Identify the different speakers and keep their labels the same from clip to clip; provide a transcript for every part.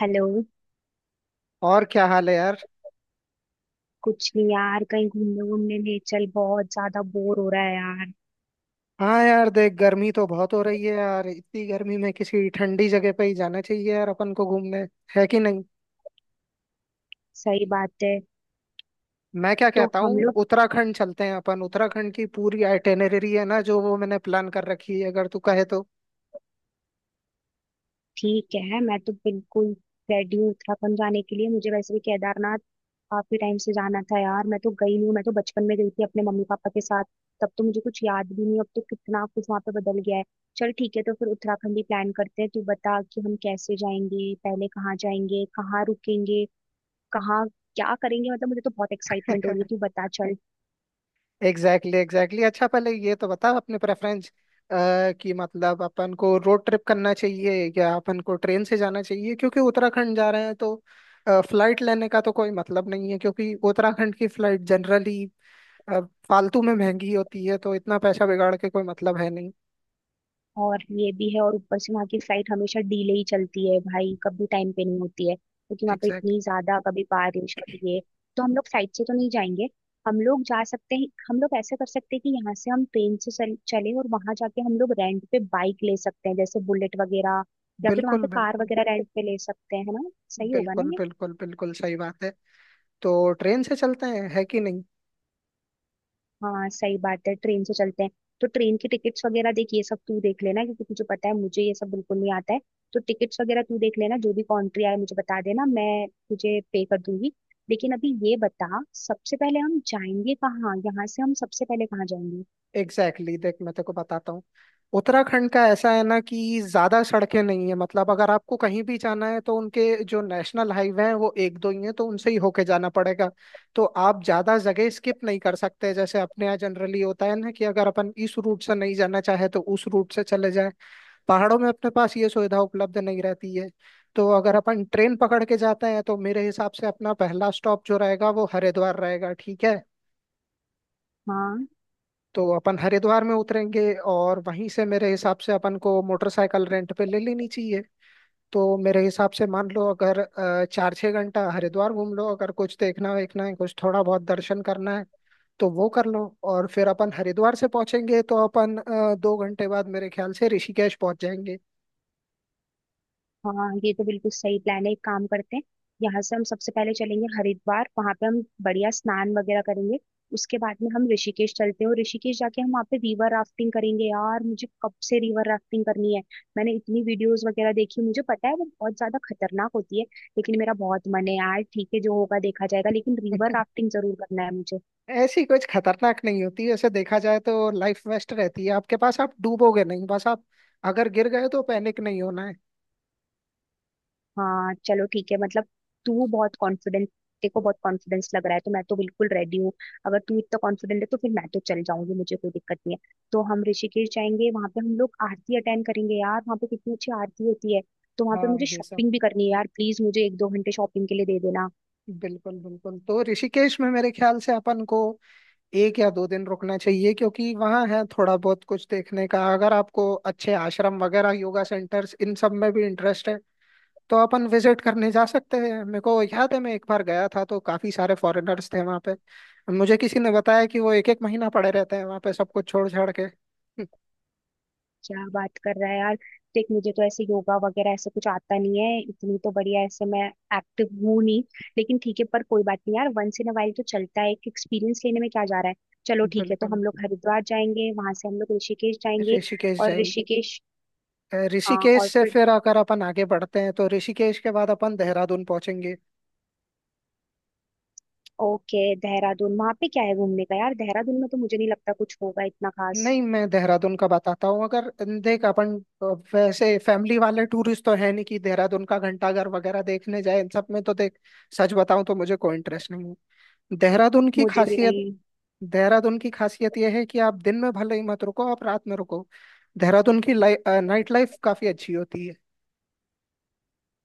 Speaker 1: Hello.
Speaker 2: और क्या हाल है यार।
Speaker 1: कुछ नहीं यार, कहीं घूमने घूमने नहीं चल, बहुत ज्यादा बोर हो रहा है यार।
Speaker 2: हाँ यार, देख गर्मी तो बहुत हो रही है यार। इतनी गर्मी में किसी ठंडी जगह पे ही जाना चाहिए यार अपन को घूमने। है कि नहीं?
Speaker 1: सही बात है।
Speaker 2: मैं क्या
Speaker 1: तो
Speaker 2: कहता
Speaker 1: हम
Speaker 2: हूँ,
Speaker 1: लोग,
Speaker 2: उत्तराखंड चलते हैं अपन। उत्तराखंड की पूरी आइटिनरी है ना जो, वो मैंने प्लान कर रखी है, अगर तू कहे तो।
Speaker 1: ठीक है मैं तो बिल्कुल रेडी हूँ उत्तराखंड जाने के लिए। मुझे वैसे भी केदारनाथ काफी टाइम से जाना था यार, मैं तो गई नहीं हूँ। मैं तो बचपन में गई थी अपने मम्मी पापा के साथ, तब तो मुझे कुछ याद भी नहीं। अब तो कितना कुछ वहाँ पे बदल गया है। चल ठीक है, तो फिर उत्तराखंड ही प्लान करते हैं। तू बता कि हम कैसे जाएंगे, पहले कहाँ जाएंगे, कहाँ रुकेंगे, कहाँ क्या करेंगे। मतलब मुझे तो बहुत एक्साइटमेंट हो रही है, तू बता चल।
Speaker 2: Exactly exactly exactly. exactly. अच्छा, पहले ये तो बता अपने प्रेफरेंस कि मतलब अपन को रोड ट्रिप करना चाहिए या अपन को ट्रेन से जाना चाहिए, क्योंकि उत्तराखंड जा रहे हैं तो फ्लाइट लेने का तो कोई मतलब नहीं है। क्योंकि उत्तराखंड की फ्लाइट जनरली अब फालतू में महंगी होती है, तो इतना पैसा बिगाड़ के कोई मतलब है नहीं।
Speaker 1: और ये भी है, और ऊपर से वहाँ की फ्लाइट हमेशा डिले ही चलती है भाई, कभी टाइम पे नहीं होती है क्योंकि वहाँ पे
Speaker 2: एग्जैक्ट।
Speaker 1: इतनी ज्यादा कभी बारिश कभी ये। तो हम लोग फ्लाइट से तो नहीं जाएंगे। हम लोग जा सकते हैं, हम लोग ऐसा कर सकते हैं कि यहाँ से हम ट्रेन से चले और वहां जाके हम लोग रेंट पे बाइक ले सकते हैं, जैसे बुलेट वगैरह। या फिर वहाँ
Speaker 2: बिल्कुल
Speaker 1: पे कार
Speaker 2: बिल्कुल
Speaker 1: वगैरह रेंट पे ले सकते हैं, है ना? सही होगा ना
Speaker 2: बिल्कुल
Speaker 1: ये?
Speaker 2: बिल्कुल बिल्कुल सही बात है। तो ट्रेन से चलते हैं, है कि नहीं?
Speaker 1: हाँ सही बात है, ट्रेन से चलते हैं। तो ट्रेन की टिकट्स वगैरह देख, ये सब तू देख लेना क्योंकि तुझे पता है मुझे ये सब बिल्कुल नहीं आता है। तो टिकट्स वगैरह तू देख लेना, जो भी कंट्री आए मुझे बता देना, मैं तुझे पे कर दूंगी। लेकिन अभी ये बता, सबसे पहले हम जाएंगे कहाँ? यहाँ से हम सबसे पहले कहाँ जाएंगे?
Speaker 2: एग्जैक्टली exactly, देख मैं तेको बताता हूँ। उत्तराखंड का ऐसा है ना कि ज्यादा सड़कें नहीं है। मतलब अगर आपको कहीं भी जाना है तो उनके जो नेशनल हाईवे हैं वो एक दो ही हैं, तो उनसे ही होके जाना पड़ेगा। तो आप ज्यादा जगह स्किप नहीं कर सकते, जैसे अपने यहाँ जनरली होता है ना कि अगर अपन इस रूट से नहीं जाना चाहे तो उस रूट से चले जाए। पहाड़ों में अपने पास ये सुविधा उपलब्ध नहीं रहती है। तो अगर अपन ट्रेन पकड़ के जाते हैं तो मेरे हिसाब से अपना पहला स्टॉप जो रहेगा वो हरिद्वार रहेगा, ठीक है?
Speaker 1: हाँ
Speaker 2: तो अपन हरिद्वार में उतरेंगे और वहीं से मेरे हिसाब से अपन को मोटरसाइकिल रेंट पे ले लेनी चाहिए। तो मेरे हिसाब से मान लो, अगर 4-6 घंटा हरिद्वार घूम लो, अगर कुछ देखना वेखना है, कुछ थोड़ा बहुत दर्शन करना है तो वो कर लो। और फिर अपन हरिद्वार से पहुंचेंगे तो अपन 2 घंटे बाद मेरे ख्याल से ऋषिकेश पहुंच जाएंगे।
Speaker 1: हाँ, ये तो बिल्कुल सही प्लान है, एक काम करते हैं। यहाँ से हम सबसे पहले चलेंगे हरिद्वार, वहां पे हम बढ़िया स्नान वगैरह करेंगे। उसके बाद में हम ऋषिकेश चलते हैं, और ऋषिकेश जाके हम वहाँ पे रिवर राफ्टिंग करेंगे। यार मुझे कब से रिवर राफ्टिंग करनी है। मैंने इतनी वीडियोस वगैरह देखी, मुझे पता है वो बहुत ज्यादा खतरनाक होती है। लेकिन मेरा बहुत मन है यार, ठीक है जो होगा देखा जाएगा, लेकिन रिवर राफ्टिंग जरूर करना है मुझे।
Speaker 2: ऐसी कुछ खतरनाक नहीं होती। ऐसे देखा जाए तो लाइफ वेस्ट रहती है आपके पास, आप डूबोगे नहीं, बस आप अगर गिर गए तो पैनिक नहीं होना है।
Speaker 1: हाँ चलो ठीक है मतलब, तू बहुत कॉन्फिडेंट, तेरे को बहुत कॉन्फिडेंस लग रहा है तो मैं तो बिल्कुल रेडी हूँ। अगर तू इतना कॉन्फिडेंट है तो फिर मैं तो चल जाऊंगी, मुझे कोई दिक्कत नहीं है। तो हम ऋषिकेश जाएंगे, वहां पे हम लोग आरती अटेंड करेंगे। यार वहां पे कितनी अच्छी आरती होती है। तो वहां पे
Speaker 2: हाँ
Speaker 1: मुझे
Speaker 2: ये सब
Speaker 1: शॉपिंग भी करनी है यार, प्लीज मुझे 1-2 घंटे शॉपिंग के लिए दे देना।
Speaker 2: बिल्कुल बिल्कुल। तो ऋषिकेश में मेरे ख्याल से अपन को 1 या 2 दिन रुकना चाहिए, क्योंकि वहाँ है थोड़ा बहुत कुछ देखने का। अगर आपको अच्छे आश्रम वगैरह योगा सेंटर्स इन सब में भी इंटरेस्ट है तो अपन विजिट करने जा सकते हैं। मेरे को याद है, मैं एक बार गया था तो काफी सारे फॉरेनर्स थे वहाँ पे। मुझे किसी ने बताया कि वो एक एक महीना पड़े रहते हैं वहाँ पे, सब कुछ छोड़ छाड़ के।
Speaker 1: क्या बात कर रहा है यार, देख मुझे तो ऐसे योगा वगैरह ऐसे कुछ आता नहीं है, इतनी तो बढ़िया ऐसे मैं एक्टिव हूँ नहीं। लेकिन ठीक है, पर कोई बात नहीं यार, वंस इन अ वाइल तो चलता है, एक एक्सपीरियंस लेने में क्या जा रहा है। चलो ठीक है, तो
Speaker 2: बिल्कुल,
Speaker 1: हम लोग हरिद्वार जाएंगे, वहां से हम लोग ऋषिकेश जाएंगे
Speaker 2: ऋषिकेश
Speaker 1: और
Speaker 2: जाएंगे।
Speaker 1: ऋषिकेश। हाँ
Speaker 2: ऋषिकेश
Speaker 1: और
Speaker 2: से
Speaker 1: फिर
Speaker 2: फिर अगर अपन आगे बढ़ते हैं तो ऋषिकेश के बाद अपन देहरादून पहुंचेंगे।
Speaker 1: ओके देहरादून, वहां पे क्या है घूमने का यार? देहरादून में तो मुझे नहीं लगता कुछ होगा इतना खास।
Speaker 2: नहीं, मैं देहरादून का बताता हूँ। अगर देख अपन, अ, वैसे फैमिली वाले टूरिस्ट तो है नहीं कि देहरादून का घंटाघर वगैरह देखने जाए, इन सब में तो देख सच बताऊं तो मुझे कोई इंटरेस्ट नहीं है। देहरादून की
Speaker 1: मुझे भी
Speaker 2: खासियत,
Speaker 1: नहीं।
Speaker 2: देहरादून की खासियत यह है कि आप दिन में भले ही मत रुको, आप रात में रुको। देहरादून की नाइट लाइफ काफी अच्छी होती है।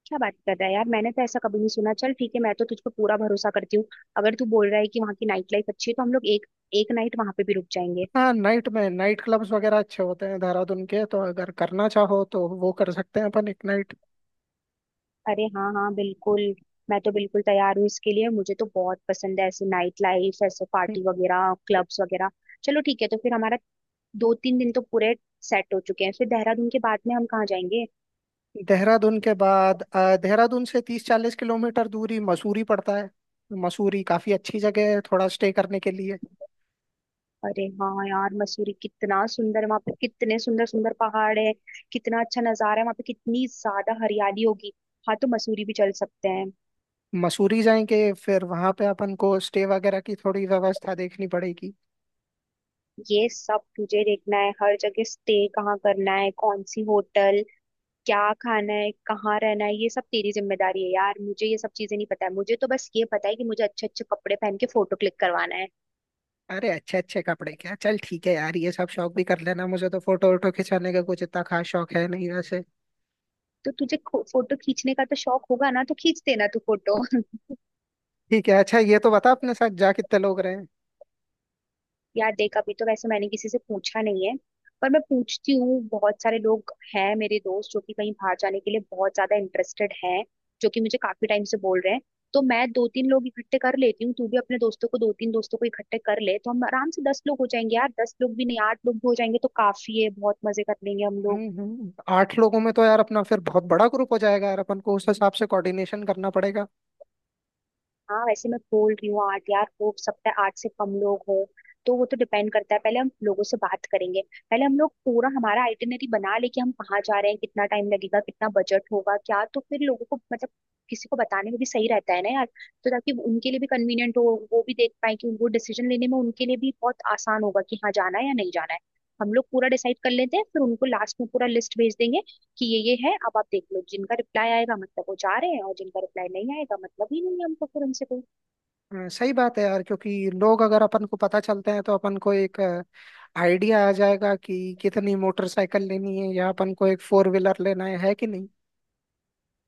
Speaker 1: क्या बात कर रहा है यार, मैंने तो ऐसा कभी नहीं सुना। चल ठीक है, मैं तो तुझ पे पूरा भरोसा करती हूँ। अगर तू बोल रहा है कि वहाँ की नाइट लाइफ अच्छी है तो हम लोग एक एक नाइट वहां पे भी रुक जाएंगे।
Speaker 2: हाँ, नाइट में नाइट क्लब्स वगैरह अच्छे होते हैं देहरादून के, तो अगर करना चाहो तो वो कर सकते हैं अपन एक नाइट।
Speaker 1: अरे हाँ हाँ बिल्कुल, मैं तो बिल्कुल तैयार हूँ इसके लिए। मुझे तो बहुत पसंद है ऐसे नाइट लाइफ, ऐसे पार्टी वगैरह, क्लब्स वगैरह। चलो ठीक है तो फिर हमारा 2-3 दिन तो पूरे सेट हो चुके हैं। फिर देहरादून के बाद में हम कहाँ जाएंगे?
Speaker 2: देहरादून के बाद, देहरादून से 30-40 किलोमीटर दूरी मसूरी पड़ता है। मसूरी काफी अच्छी जगह है थोड़ा स्टे करने के लिए।
Speaker 1: अरे हाँ यार मसूरी कितना सुंदर है। वहां पे कितने सुंदर सुंदर पहाड़ है, कितना अच्छा नजारा है, वहां पे कितनी ज्यादा हरियाली होगी। हाँ तो मसूरी भी चल सकते हैं।
Speaker 2: मसूरी जाएंगे, फिर वहां पे अपन को स्टे वगैरह की थोड़ी व्यवस्था देखनी पड़ेगी।
Speaker 1: ये सब तुझे देखना है, हर जगह स्टे कहाँ करना है, कौन सी होटल, क्या खाना है, कहाँ रहना है, ये सब तेरी जिम्मेदारी है यार। मुझे ये सब चीजें नहीं पता है, मुझे तो बस ये पता है कि मुझे अच्छे अच्छे कपड़े पहन के फोटो क्लिक करवाना है।
Speaker 2: अरे अच्छे अच्छे कपड़े क्या, चल ठीक है यार ये सब शौक भी कर लेना। मुझे तो फोटो वोटो खिंचाने का कुछ इतना खास शौक है नहीं वैसे।
Speaker 1: तो तुझे फोटो खींचने का तो शौक होगा ना, तो खींच देना तू फोटो।
Speaker 2: ठीक है, अच्छा ये तो बता अपने साथ जा कितने लोग रहे।
Speaker 1: यार देख अभी तो वैसे मैंने किसी से पूछा नहीं है, पर मैं पूछती हूँ। बहुत सारे लोग हैं मेरे दोस्त, जो कि कहीं बाहर जाने के लिए बहुत ज्यादा इंटरेस्टेड हैं, जो कि मुझे काफी टाइम से बोल रहे हैं। तो मैं 2-3 लोग इकट्ठे कर लेती हूँ, तू भी अपने दोस्तों को, 2-3 दोस्तों को इकट्ठे कर ले। तो हम आराम से 10 लोग हो जाएंगे यार, 10 लोग भी नहीं 8 लोग भी हो जाएंगे तो काफी है, बहुत मजे कर लेंगे हम लोग।
Speaker 2: 8 लोगों में तो यार अपना फिर बहुत बड़ा ग्रुप हो जाएगा यार, अपन को उस हिसाब से कोऑर्डिनेशन करना पड़ेगा।
Speaker 1: हाँ वैसे मैं बोल रही हूँ आठ यार, हो सकता है आठ से कम लोग हो। तो वो तो डिपेंड करता है, पहले हम लोगों से बात करेंगे। पहले हम लोग पूरा हमारा आइटिनरी बना ले कि हम कहाँ जा रहे हैं, कितना टाइम लगेगा, कितना बजट होगा क्या, तो फिर लोगों को मतलब किसी को बताने में भी सही रहता है ना यार। तो ताकि उनके लिए भी कन्वीनियंट हो, वो भी देख पाए कि, वो डिसीजन लेने में उनके लिए भी बहुत आसान होगा कि हाँ जाना है या नहीं जाना है। हम लोग पूरा डिसाइड कर लेते हैं, फिर उनको लास्ट में पूरा लिस्ट भेज देंगे कि ये है, अब आप देख लो। जिनका रिप्लाई आएगा मतलब वो जा रहे हैं, और जिनका रिप्लाई नहीं आएगा मतलब ही नहीं है हमको, फिर उनसे कोई।
Speaker 2: सही बात है यार, क्योंकि लोग अगर अपन को पता चलते हैं तो अपन को एक आइडिया आ जाएगा कि कितनी मोटरसाइकिल लेनी है या अपन को एक फोर व्हीलर लेना है कि नहीं?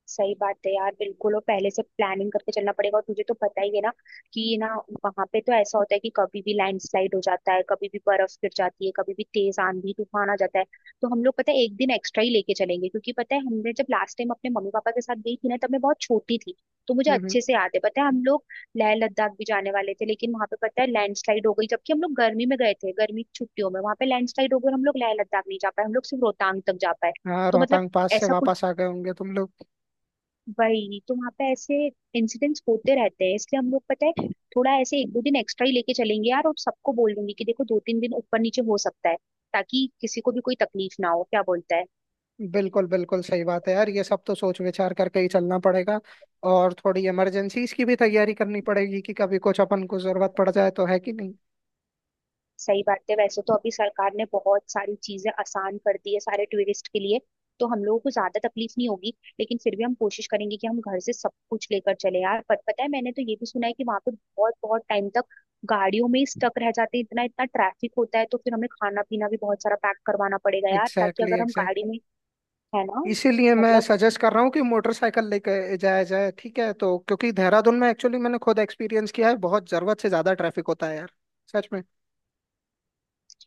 Speaker 1: सही बात है यार, बिल्कुल, और पहले से प्लानिंग करके चलना पड़ेगा। और तुझे तो पता ही है ना कि ये ना, वहां पे तो ऐसा होता है कि कभी भी लैंडस्लाइड हो जाता है, कभी भी बर्फ गिर जाती है, कभी भी तेज आंधी तूफान आ जाता है। तो हम लोग पता है 1 दिन एक्स्ट्रा ही लेके चलेंगे, क्योंकि पता है हमने जब लास्ट टाइम अपने मम्मी पापा के साथ गई थी ना, तब मैं बहुत छोटी थी। तो मुझे
Speaker 2: हम्म हम्म।
Speaker 1: अच्छे से याद है, पता है हम लोग लेह लद्दाख भी जाने वाले थे, लेकिन वहां पे पता है लैंडस्लाइड हो गई। जबकि हम लोग गर्मी में गए थे, गर्मी की छुट्टियों में वहां पे लैंडस्लाइड हो गई और हम लोग लेह लद्दाख नहीं जा पाए, हम लोग सिर्फ रोहतांग तक जा पाए।
Speaker 2: हाँ,
Speaker 1: तो मतलब
Speaker 2: रोहतांग पास से
Speaker 1: ऐसा
Speaker 2: वापस
Speaker 1: कुछ,
Speaker 2: आ गए होंगे तुम लोग।
Speaker 1: वही तो वहां पे ऐसे इंसिडेंट्स होते रहते हैं, इसलिए हम लोग पता है थोड़ा ऐसे 1-2 दिन एक्स्ट्रा ही लेके चलेंगे यार। और सबको बोल देंगे कि देखो 2-3 दिन ऊपर नीचे हो सकता है, ताकि किसी को भी कोई तकलीफ ना हो, क्या बोलता है?
Speaker 2: बिल्कुल बिल्कुल, सही बात है यार, ये सब तो सोच विचार करके ही चलना पड़ेगा। और थोड़ी इमरजेंसीज की भी तैयारी करनी पड़ेगी कि कभी कुछ अपन को जरूरत पड़ जाए तो, है कि नहीं?
Speaker 1: सही बात है, वैसे तो अभी सरकार ने बहुत सारी चीजें आसान कर दी है सारे टूरिस्ट के लिए, तो हम लोगों को ज्यादा तकलीफ नहीं होगी। लेकिन फिर भी हम कोशिश करेंगे कि हम घर से सब कुछ लेकर चले यार। पर पता है मैंने तो ये भी सुना है कि वहां पे बहुत बहुत टाइम तक गाड़ियों में ही स्टक रह जाते हैं, इतना इतना ट्रैफिक होता है। तो फिर हमें खाना पीना भी बहुत सारा पैक करवाना पड़ेगा यार, ताकि
Speaker 2: एग्जैक्टली
Speaker 1: अगर हम
Speaker 2: exactly,
Speaker 1: गाड़ी में, है ना?
Speaker 2: इसीलिए मैं
Speaker 1: मतलब
Speaker 2: सजेस्ट कर रहा हूँ कि मोटरसाइकिल लेके जाया जाए, ठीक है? तो क्योंकि देहरादून में एक्चुअली मैंने खुद एक्सपीरियंस किया है, बहुत जरूरत से ज्यादा ट्रैफिक होता है यार। सच में।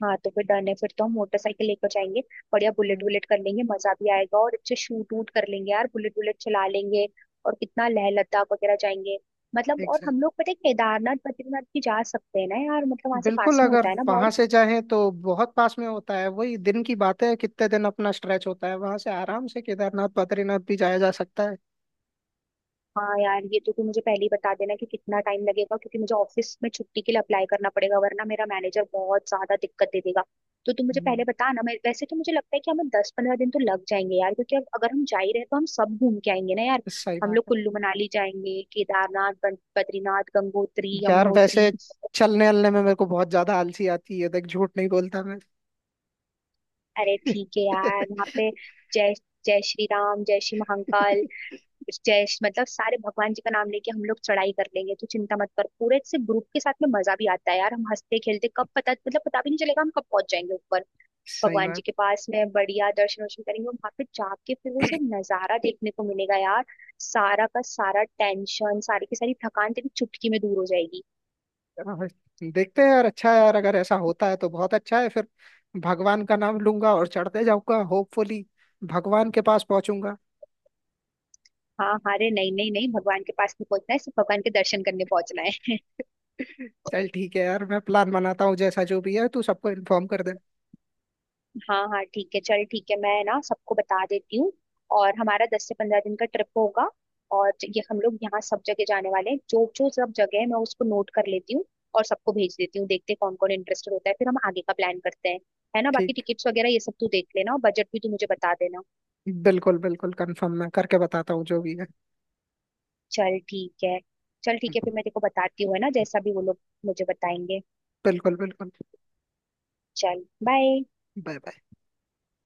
Speaker 1: हाँ, तो फिर डन है, फिर तो हम मोटरसाइकिल लेकर जाएंगे। बढ़िया बुलेट
Speaker 2: हम्म,
Speaker 1: वुलेट कर लेंगे, मजा भी आएगा और अच्छे शूट वूट कर लेंगे यार, बुलेट वुलेट चला लेंगे। और कितना, लेह लद्दाख वगैरह जाएंगे मतलब,
Speaker 2: एक
Speaker 1: और
Speaker 2: सही।
Speaker 1: हम लोग पता है केदारनाथ बद्रीनाथ भी जा सकते हैं ना यार, मतलब वहां से
Speaker 2: बिल्कुल,
Speaker 1: पास में
Speaker 2: अगर
Speaker 1: होता है ना
Speaker 2: वहां
Speaker 1: बहुत।
Speaker 2: से जाएं तो बहुत पास में होता है। वही दिन की बात है कितने दिन अपना स्ट्रेच होता है, वहां से आराम से केदारनाथ बद्रीनाथ भी जाया जा सकता है।
Speaker 1: हाँ यार ये तो तू मुझे पहले ही बता देना कि कितना टाइम लगेगा, क्योंकि मुझे ऑफिस में छुट्टी के लिए अप्लाई करना पड़ेगा, वरना मेरा मैनेजर बहुत ज्यादा दिक्कत दे देगा। तो तू मुझे
Speaker 2: हम्म,
Speaker 1: पहले बता ना, मैं वैसे तो मुझे लगता है कि हमें 10-15 दिन तो लग जाएंगे यार, क्योंकि अब अगर हम जा ही रहे तो हम सब घूम के आएंगे ना यार।
Speaker 2: सही
Speaker 1: हम
Speaker 2: बात
Speaker 1: लोग
Speaker 2: है
Speaker 1: कुल्लू मनाली जाएंगे, केदारनाथ बद्रीनाथ, गंगोत्री,
Speaker 2: यार। वैसे
Speaker 1: यमुनोत्री।
Speaker 2: चलने अलने में मेरे को बहुत ज्यादा आलसी आती है, देख झूठ नहीं बोलता मैं।
Speaker 1: अरे ठीक है यार, वहाँ पे जय जय श्री राम, जय श्री महाकाल, जयश मतलब सारे भगवान जी का नाम लेके हम लोग चढ़ाई कर लेंगे, तो चिंता मत कर। पूरे से ग्रुप के साथ में मजा भी आता है यार, हम हंसते खेलते कब, पता मतलब पता भी नहीं चलेगा हम कब पहुंच जाएंगे ऊपर।
Speaker 2: सही
Speaker 1: भगवान जी के
Speaker 2: बात।
Speaker 1: पास में बढ़िया दर्शन वर्शन करेंगे, और वहां पे जाके फिर वो सब नजारा देखने को मिलेगा यार। सारा का सारा टेंशन, सारी की सारी थकान तेरी चुटकी में दूर हो जाएगी।
Speaker 2: हाँ, हाँ, देखते हैं यार। अच्छा है यार, अगर ऐसा होता है तो बहुत अच्छा है फिर। भगवान का नाम लूंगा और चढ़ते जाऊंगा, होपफुली भगवान के पास पहुंचूंगा।
Speaker 1: हाँ हाँ, अरे नहीं नहीं नहीं, भगवान के पास नहीं पहुंचना है, सिर्फ भगवान के दर्शन करने पहुंचना है।
Speaker 2: चल ठीक है यार, मैं प्लान बनाता हूँ, जैसा जो भी है तू सबको इन्फॉर्म कर दे।
Speaker 1: हाँ हाँ ठीक है, चल ठीक है मैं ना सबको बता देती हूँ। और हमारा 10-15 दिन का ट्रिप होगा, और ये हम लोग यहाँ सब जगह जाने वाले हैं, जो जो सब जगह है मैं उसको नोट कर लेती हूँ। और सबको भेज देती हूँ, देखते हैं कौन कौन इंटरेस्टेड होता है, फिर हम आगे का प्लान करते हैं। है ना, बाकी
Speaker 2: ठीक।
Speaker 1: टिकट्स वगैरह ये सब तू देख लेना, और बजट भी तू मुझे बता देना।
Speaker 2: बिल्कुल बिल्कुल, कंफर्म मैं करके बताता हूँ जो भी है।
Speaker 1: चल ठीक है, चल ठीक है फिर मैं तेरे को बताती हूँ, है ना जैसा भी वो लोग मुझे बताएंगे।
Speaker 2: बिल्कुल बिल्कुल।
Speaker 1: चल बाय।
Speaker 2: Bye bye.